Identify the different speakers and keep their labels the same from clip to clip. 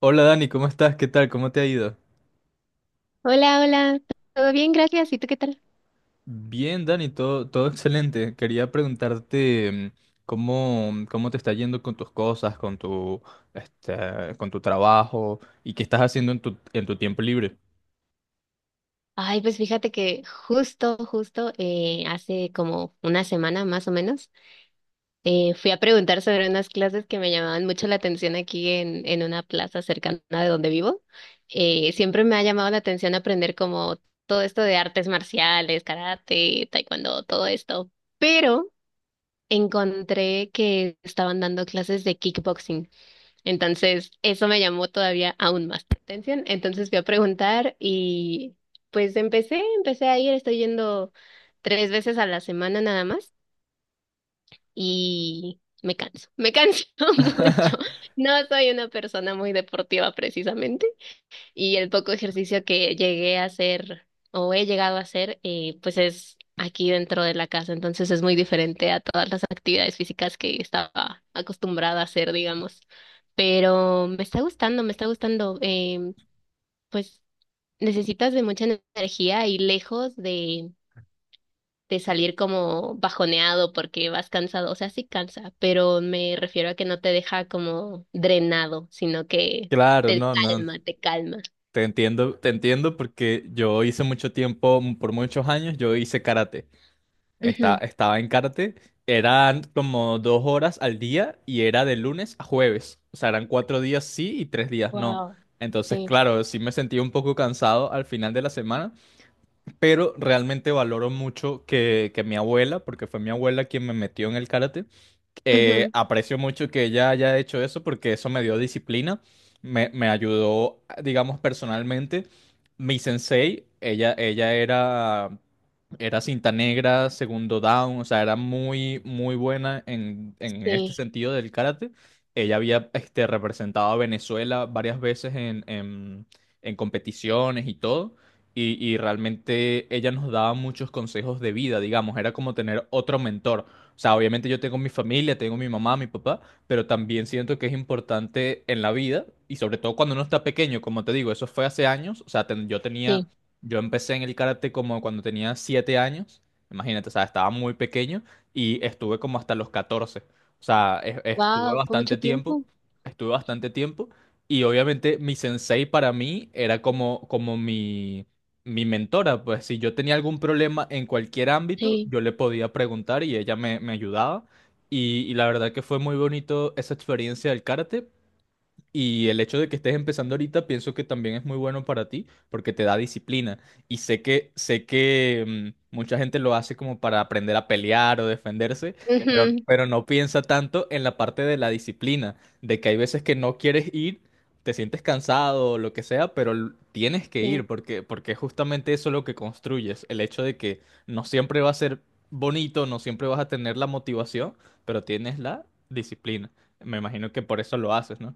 Speaker 1: Hola Dani, ¿cómo estás? ¿Qué tal? ¿Cómo te ha ido?
Speaker 2: Hola, hola, todo bien, gracias. ¿Y tú qué tal?
Speaker 1: Bien, Dani, todo excelente. Quería preguntarte cómo, cómo te está yendo con tus cosas, con tu, con tu trabajo y qué estás haciendo en tu tiempo libre.
Speaker 2: Ay, pues fíjate que justo, justo, hace como una semana más o menos, fui a preguntar sobre unas clases que me llamaban mucho la atención aquí en una plaza cercana de donde vivo. Siempre me ha llamado la atención aprender como todo esto de artes marciales, karate, taekwondo, todo esto. Pero encontré que estaban dando clases de kickboxing. Entonces, eso me llamó todavía aún más la atención. Entonces fui a preguntar y pues empecé a ir, estoy yendo tres veces a la semana nada más y me canso mucho. No soy una persona muy deportiva precisamente. Y el poco ejercicio que llegué a hacer o he llegado a hacer, pues es aquí dentro de la casa. Entonces es muy diferente a todas las actividades físicas que estaba acostumbrada a hacer, digamos. Pero me está gustando, me está gustando. Pues necesitas de mucha energía y lejos de salir como bajoneado porque vas cansado. O sea, sí cansa, pero me refiero a que no te deja como drenado, sino que
Speaker 1: Claro,
Speaker 2: te
Speaker 1: no, no,
Speaker 2: calma, te calma.
Speaker 1: te entiendo porque yo hice mucho tiempo, por muchos años, yo hice karate. Esta-
Speaker 2: Ujú.
Speaker 1: estaba en karate. Eran como 2 horas al día y era de lunes a jueves. O sea, eran 4 días sí y 3 días no.
Speaker 2: Wow,
Speaker 1: Entonces,
Speaker 2: sí,
Speaker 1: claro, sí me sentí un poco cansado al final de la semana, pero realmente valoro mucho que mi abuela, porque fue mi abuela quien me metió en el karate,
Speaker 2: ujú,
Speaker 1: aprecio mucho que ella haya hecho eso porque eso me dio disciplina, me ayudó, digamos, personalmente. Mi sensei, ella era cinta negra, segundo down, o sea, era muy, muy buena en este
Speaker 2: sí,
Speaker 1: sentido del karate. Ella había representado a Venezuela varias veces en competiciones y todo. Y realmente ella nos daba muchos consejos de vida, digamos, era como tener otro mentor. O sea, obviamente yo tengo mi familia, tengo mi mamá, mi papá, pero también siento que es importante en la vida y sobre todo cuando uno está pequeño, como te digo, eso fue hace años, o sea,
Speaker 2: sí.
Speaker 1: yo empecé en el karate como cuando tenía 7 años, imagínate, o sea, estaba muy pequeño y estuve como hasta los 14. O sea,
Speaker 2: Wow, fue mucho tiempo.
Speaker 1: estuve bastante tiempo y obviamente mi sensei para mí era como mi mentora, pues si yo tenía algún problema en cualquier ámbito,
Speaker 2: Sí,
Speaker 1: yo le podía preguntar y ella me ayudaba. Y la verdad que fue muy bonito esa experiencia del karate y el hecho de que estés empezando ahorita, pienso que también es muy bueno para ti, porque te da disciplina. Y sé que mucha gente lo hace como para aprender a pelear o defenderse, pero,
Speaker 2: ujú,
Speaker 1: pero no piensa tanto en la parte de la disciplina, de que hay veces que no quieres ir, te sientes cansado o lo que sea, pero tienes que ir,
Speaker 2: sí.
Speaker 1: porque justamente eso es lo que construyes. El hecho de que no siempre va a ser bonito, no siempre vas a tener la motivación, pero tienes la disciplina. Me imagino que por eso lo haces, ¿no?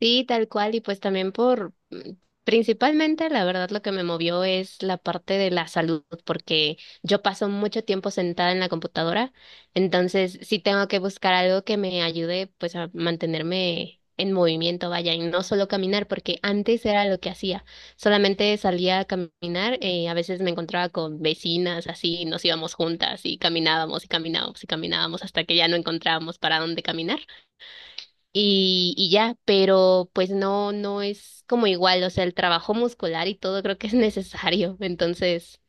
Speaker 2: Sí, tal cual, y pues también por, mm, principalmente la verdad lo que me movió es la parte de la salud, porque yo paso mucho tiempo sentada en la computadora, entonces sí tengo que buscar algo que me ayude pues a mantenerme en movimiento, vaya, y no solo caminar, porque antes era lo que hacía, solamente salía a caminar, a veces me encontraba con vecinas, así, nos íbamos juntas y caminábamos y caminábamos y caminábamos hasta que ya no encontrábamos para dónde caminar y ya, pero pues no, no es como igual, o sea, el trabajo muscular y todo creo que es necesario, entonces,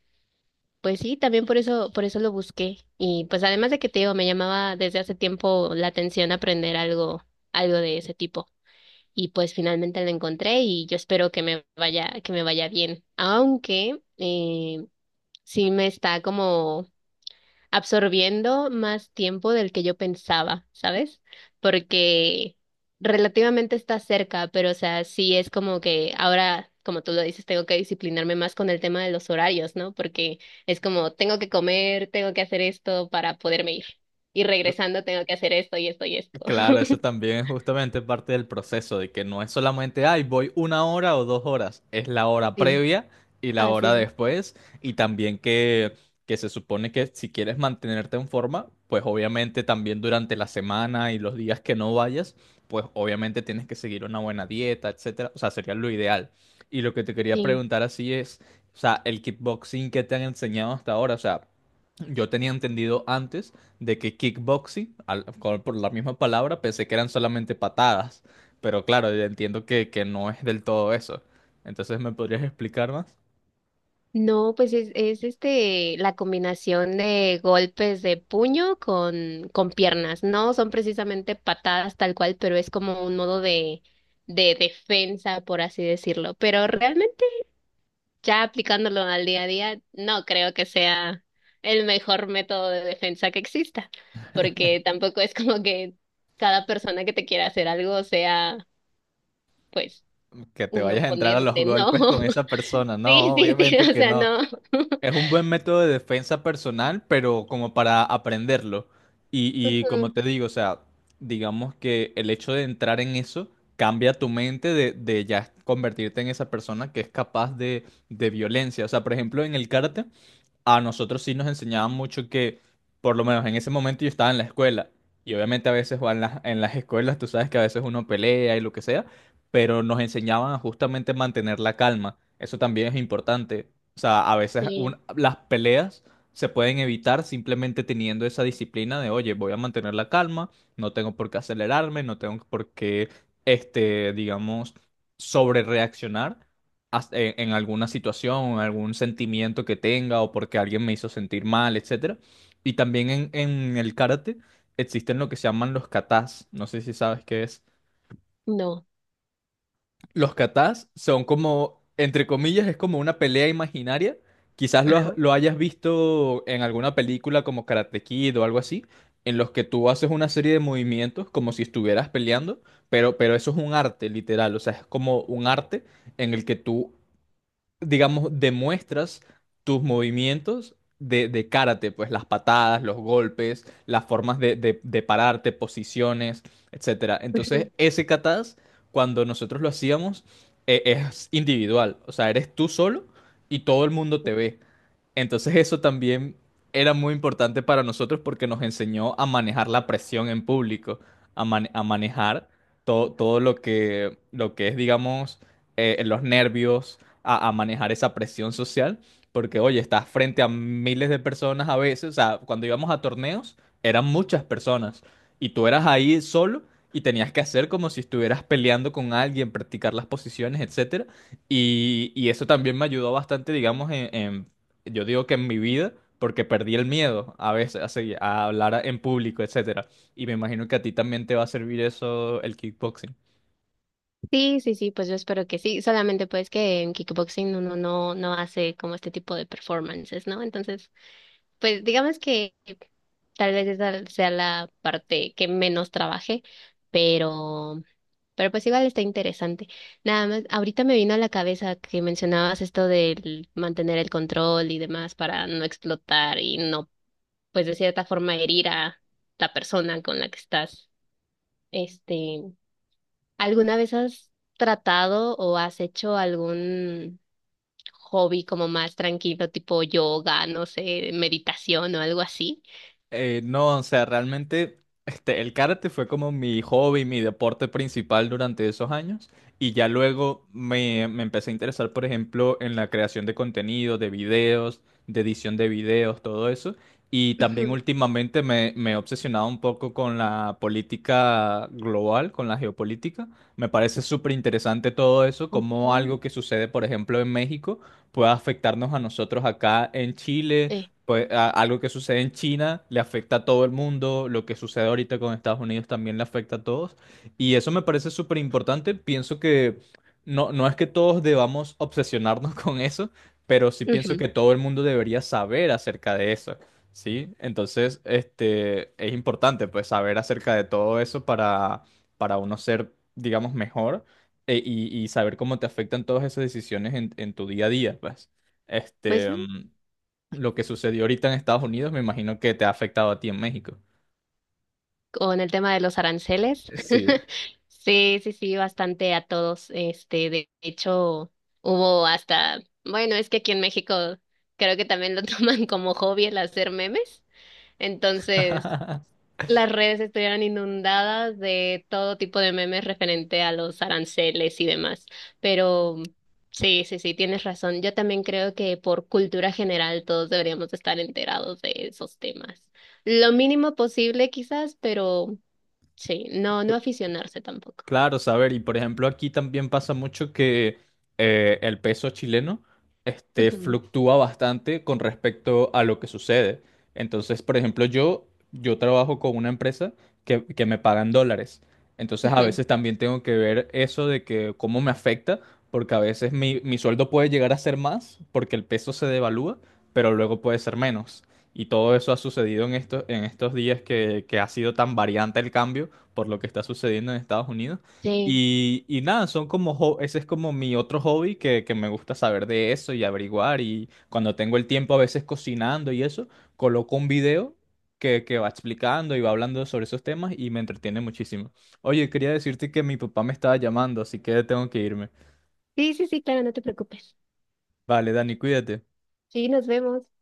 Speaker 2: pues sí, también por eso lo busqué y pues además de que te digo, me llamaba desde hace tiempo la atención aprender algo, algo de ese tipo y pues finalmente lo encontré y yo espero que me vaya bien, aunque, sí me está como absorbiendo más tiempo del que yo pensaba, ¿sabes? Porque relativamente está cerca, pero o sea, sí es como que ahora, como tú lo dices, tengo que disciplinarme más con el tema de los horarios, ¿no? Porque es como, tengo que comer, tengo que hacer esto para poderme ir. Y regresando tengo que hacer esto y esto y esto.
Speaker 1: Claro, eso también es justamente parte del proceso, de que no es solamente, ay, voy una hora o 2 horas, es la hora
Speaker 2: Sí.
Speaker 1: previa y la hora
Speaker 2: Así
Speaker 1: después, y también que se supone que si quieres mantenerte en forma, pues obviamente también durante la semana y los días que no vayas, pues obviamente tienes que seguir una buena dieta, etcétera, o sea, sería lo ideal. Y lo que te quería
Speaker 2: es.
Speaker 1: preguntar así es, o sea, el kickboxing que te han enseñado hasta ahora, o sea, yo tenía entendido antes de que kickboxing, por la misma palabra, pensé que eran solamente patadas, pero claro, yo entiendo que no es del todo eso. Entonces, ¿me podrías explicar más?
Speaker 2: No, pues es este la combinación de golpes de puño con piernas. No son precisamente patadas tal cual, pero es como un modo de defensa, por así decirlo. Pero realmente, ya aplicándolo al día a día, no creo que sea el mejor método de defensa que exista, porque tampoco es como que cada persona que te quiera hacer algo sea, pues,
Speaker 1: Que te
Speaker 2: un
Speaker 1: vayas a entrar a los
Speaker 2: oponente, ¿no?
Speaker 1: golpes con esa persona. No,
Speaker 2: Sí, sí, sí,
Speaker 1: obviamente
Speaker 2: o
Speaker 1: que
Speaker 2: sea,
Speaker 1: no.
Speaker 2: no.
Speaker 1: Es un buen método de defensa personal, pero como para aprenderlo. Y, y como
Speaker 2: Ujú.
Speaker 1: te digo, o sea, digamos que el hecho de entrar en eso cambia tu mente de ya convertirte en esa persona que es capaz de violencia. O sea, por ejemplo, en el karate, a nosotros sí nos enseñaban mucho que, por lo menos en ese momento yo estaba en la escuela, y obviamente a veces o en las escuelas, tú sabes que a veces uno pelea y lo que sea, pero nos enseñaban a justamente mantener la calma. Eso también es importante. O sea, a veces
Speaker 2: Sí.
Speaker 1: las peleas se pueden evitar simplemente teniendo esa disciplina de, oye, voy a mantener la calma, no tengo por qué acelerarme, no tengo por qué, digamos, sobre reaccionar en alguna situación, en algún sentimiento que tenga o porque alguien me hizo sentir mal, etcétera. Y también en el karate existen lo que se llaman los katas. No sé si sabes qué es.
Speaker 2: No.
Speaker 1: Los katas son como, entre comillas, es como una pelea imaginaria. Quizás
Speaker 2: Ajá.
Speaker 1: lo hayas visto en alguna película como Karate Kid o algo así, en los que tú haces una serie de movimientos como si estuvieras peleando, pero eso es un arte, literal. O sea, es como un arte en el que tú digamos, demuestras tus movimientos de karate, pues las patadas, los golpes, las formas de pararte, posiciones, etcétera.
Speaker 2: Ujú.
Speaker 1: Entonces, ese kata's, cuando nosotros lo hacíamos, es individual. O sea, eres tú solo y todo el mundo te ve. Entonces eso también era muy importante para nosotros porque nos enseñó a manejar la presión en público, a manejar todo lo que es, digamos, los nervios, a manejar esa presión social, porque oye, estás frente a miles de personas a veces, o sea, cuando íbamos a torneos eran muchas personas y tú eras ahí solo. Y tenías que hacer como si estuvieras peleando con alguien, practicar las posiciones, etcétera. Y eso también me ayudó bastante, digamos, en yo digo que en mi vida, porque perdí el miedo a veces a hablar en público, etcétera. Y me imagino que a ti también te va a servir eso, el kickboxing.
Speaker 2: Sí, sí, sí, pues yo espero que sí. Solamente pues que en kickboxing uno no, no hace como este tipo de performances, ¿no? Entonces, pues digamos que tal vez esa sea la parte que menos trabaje, pero, pero pues igual está interesante. Nada más, ahorita me vino a la cabeza que mencionabas esto del mantener el control y demás para no explotar y no, pues de cierta forma herir a la persona con la que estás, este. ¿Alguna vez has tratado o has hecho algún hobby como más tranquilo, tipo yoga, no sé, meditación o algo así?
Speaker 1: No, o sea, realmente el karate fue como mi hobby, mi deporte principal durante esos años y ya luego me empecé a interesar, por ejemplo, en la creación de contenido, de videos, de edición de videos, todo eso. Y también
Speaker 2: Ujú,
Speaker 1: últimamente me he obsesionado un poco con la política global, con la geopolítica. Me parece súper interesante todo eso, cómo
Speaker 2: ok.
Speaker 1: algo que sucede, por ejemplo, en México puede afectarnos a nosotros acá en Chile,
Speaker 2: Eh,
Speaker 1: pues algo que sucede en China le afecta a todo el mundo, lo que sucede ahorita con Estados Unidos también le afecta a todos. Y eso me parece súper importante. Pienso que no es que todos debamos obsesionarnos con eso, pero sí pienso
Speaker 2: ujú.
Speaker 1: que todo el mundo debería saber acerca de eso, ¿sí? Entonces, es importante pues saber acerca de todo eso para uno ser, digamos, mejor y saber cómo te afectan todas esas decisiones en tu día a día, pues.
Speaker 2: Pues
Speaker 1: Este...
Speaker 2: sí,
Speaker 1: mm, lo que sucedió ahorita en Estados Unidos, me imagino que te ha afectado a ti en México.
Speaker 2: con el tema de los aranceles.
Speaker 1: Sí,
Speaker 2: Sí, sí, sí, bastante a todos. Este, de hecho, hubo hasta, bueno, es que aquí en México creo que también lo toman como hobby el hacer memes. Entonces, las redes estuvieran inundadas de todo tipo de memes referente a los aranceles y demás. Pero sí, sí, sí, tienes razón. Yo también creo que por cultura general todos deberíamos estar enterados de esos temas. Lo mínimo posible quizás, pero sí, no, no aficionarse tampoco.
Speaker 1: Claro, saber, y por ejemplo aquí también pasa mucho que el peso chileno
Speaker 2: Ujú,
Speaker 1: fluctúa bastante con respecto a lo que sucede. Entonces, por ejemplo, yo trabajo con una empresa que me pagan dólares. Entonces, a
Speaker 2: ujú.
Speaker 1: veces también tengo que ver eso de que cómo me afecta, porque a veces mi sueldo puede llegar a ser más porque el peso se devalúa, pero luego puede ser menos. Y todo eso ha sucedido en estos días que ha sido tan variante el cambio por lo que está sucediendo en Estados Unidos.
Speaker 2: Sí.
Speaker 1: Y nada, son como, ese es como mi otro hobby que me gusta saber de eso y averiguar. Y cuando tengo el tiempo, a veces cocinando y eso, coloco un video que va explicando y va hablando sobre esos temas y me entretiene muchísimo. Oye, quería decirte que mi papá me estaba llamando, así que tengo que irme.
Speaker 2: Sí, sí, sí, claro, no te preocupes.
Speaker 1: Vale, Dani, cuídate.
Speaker 2: Sí, nos vemos.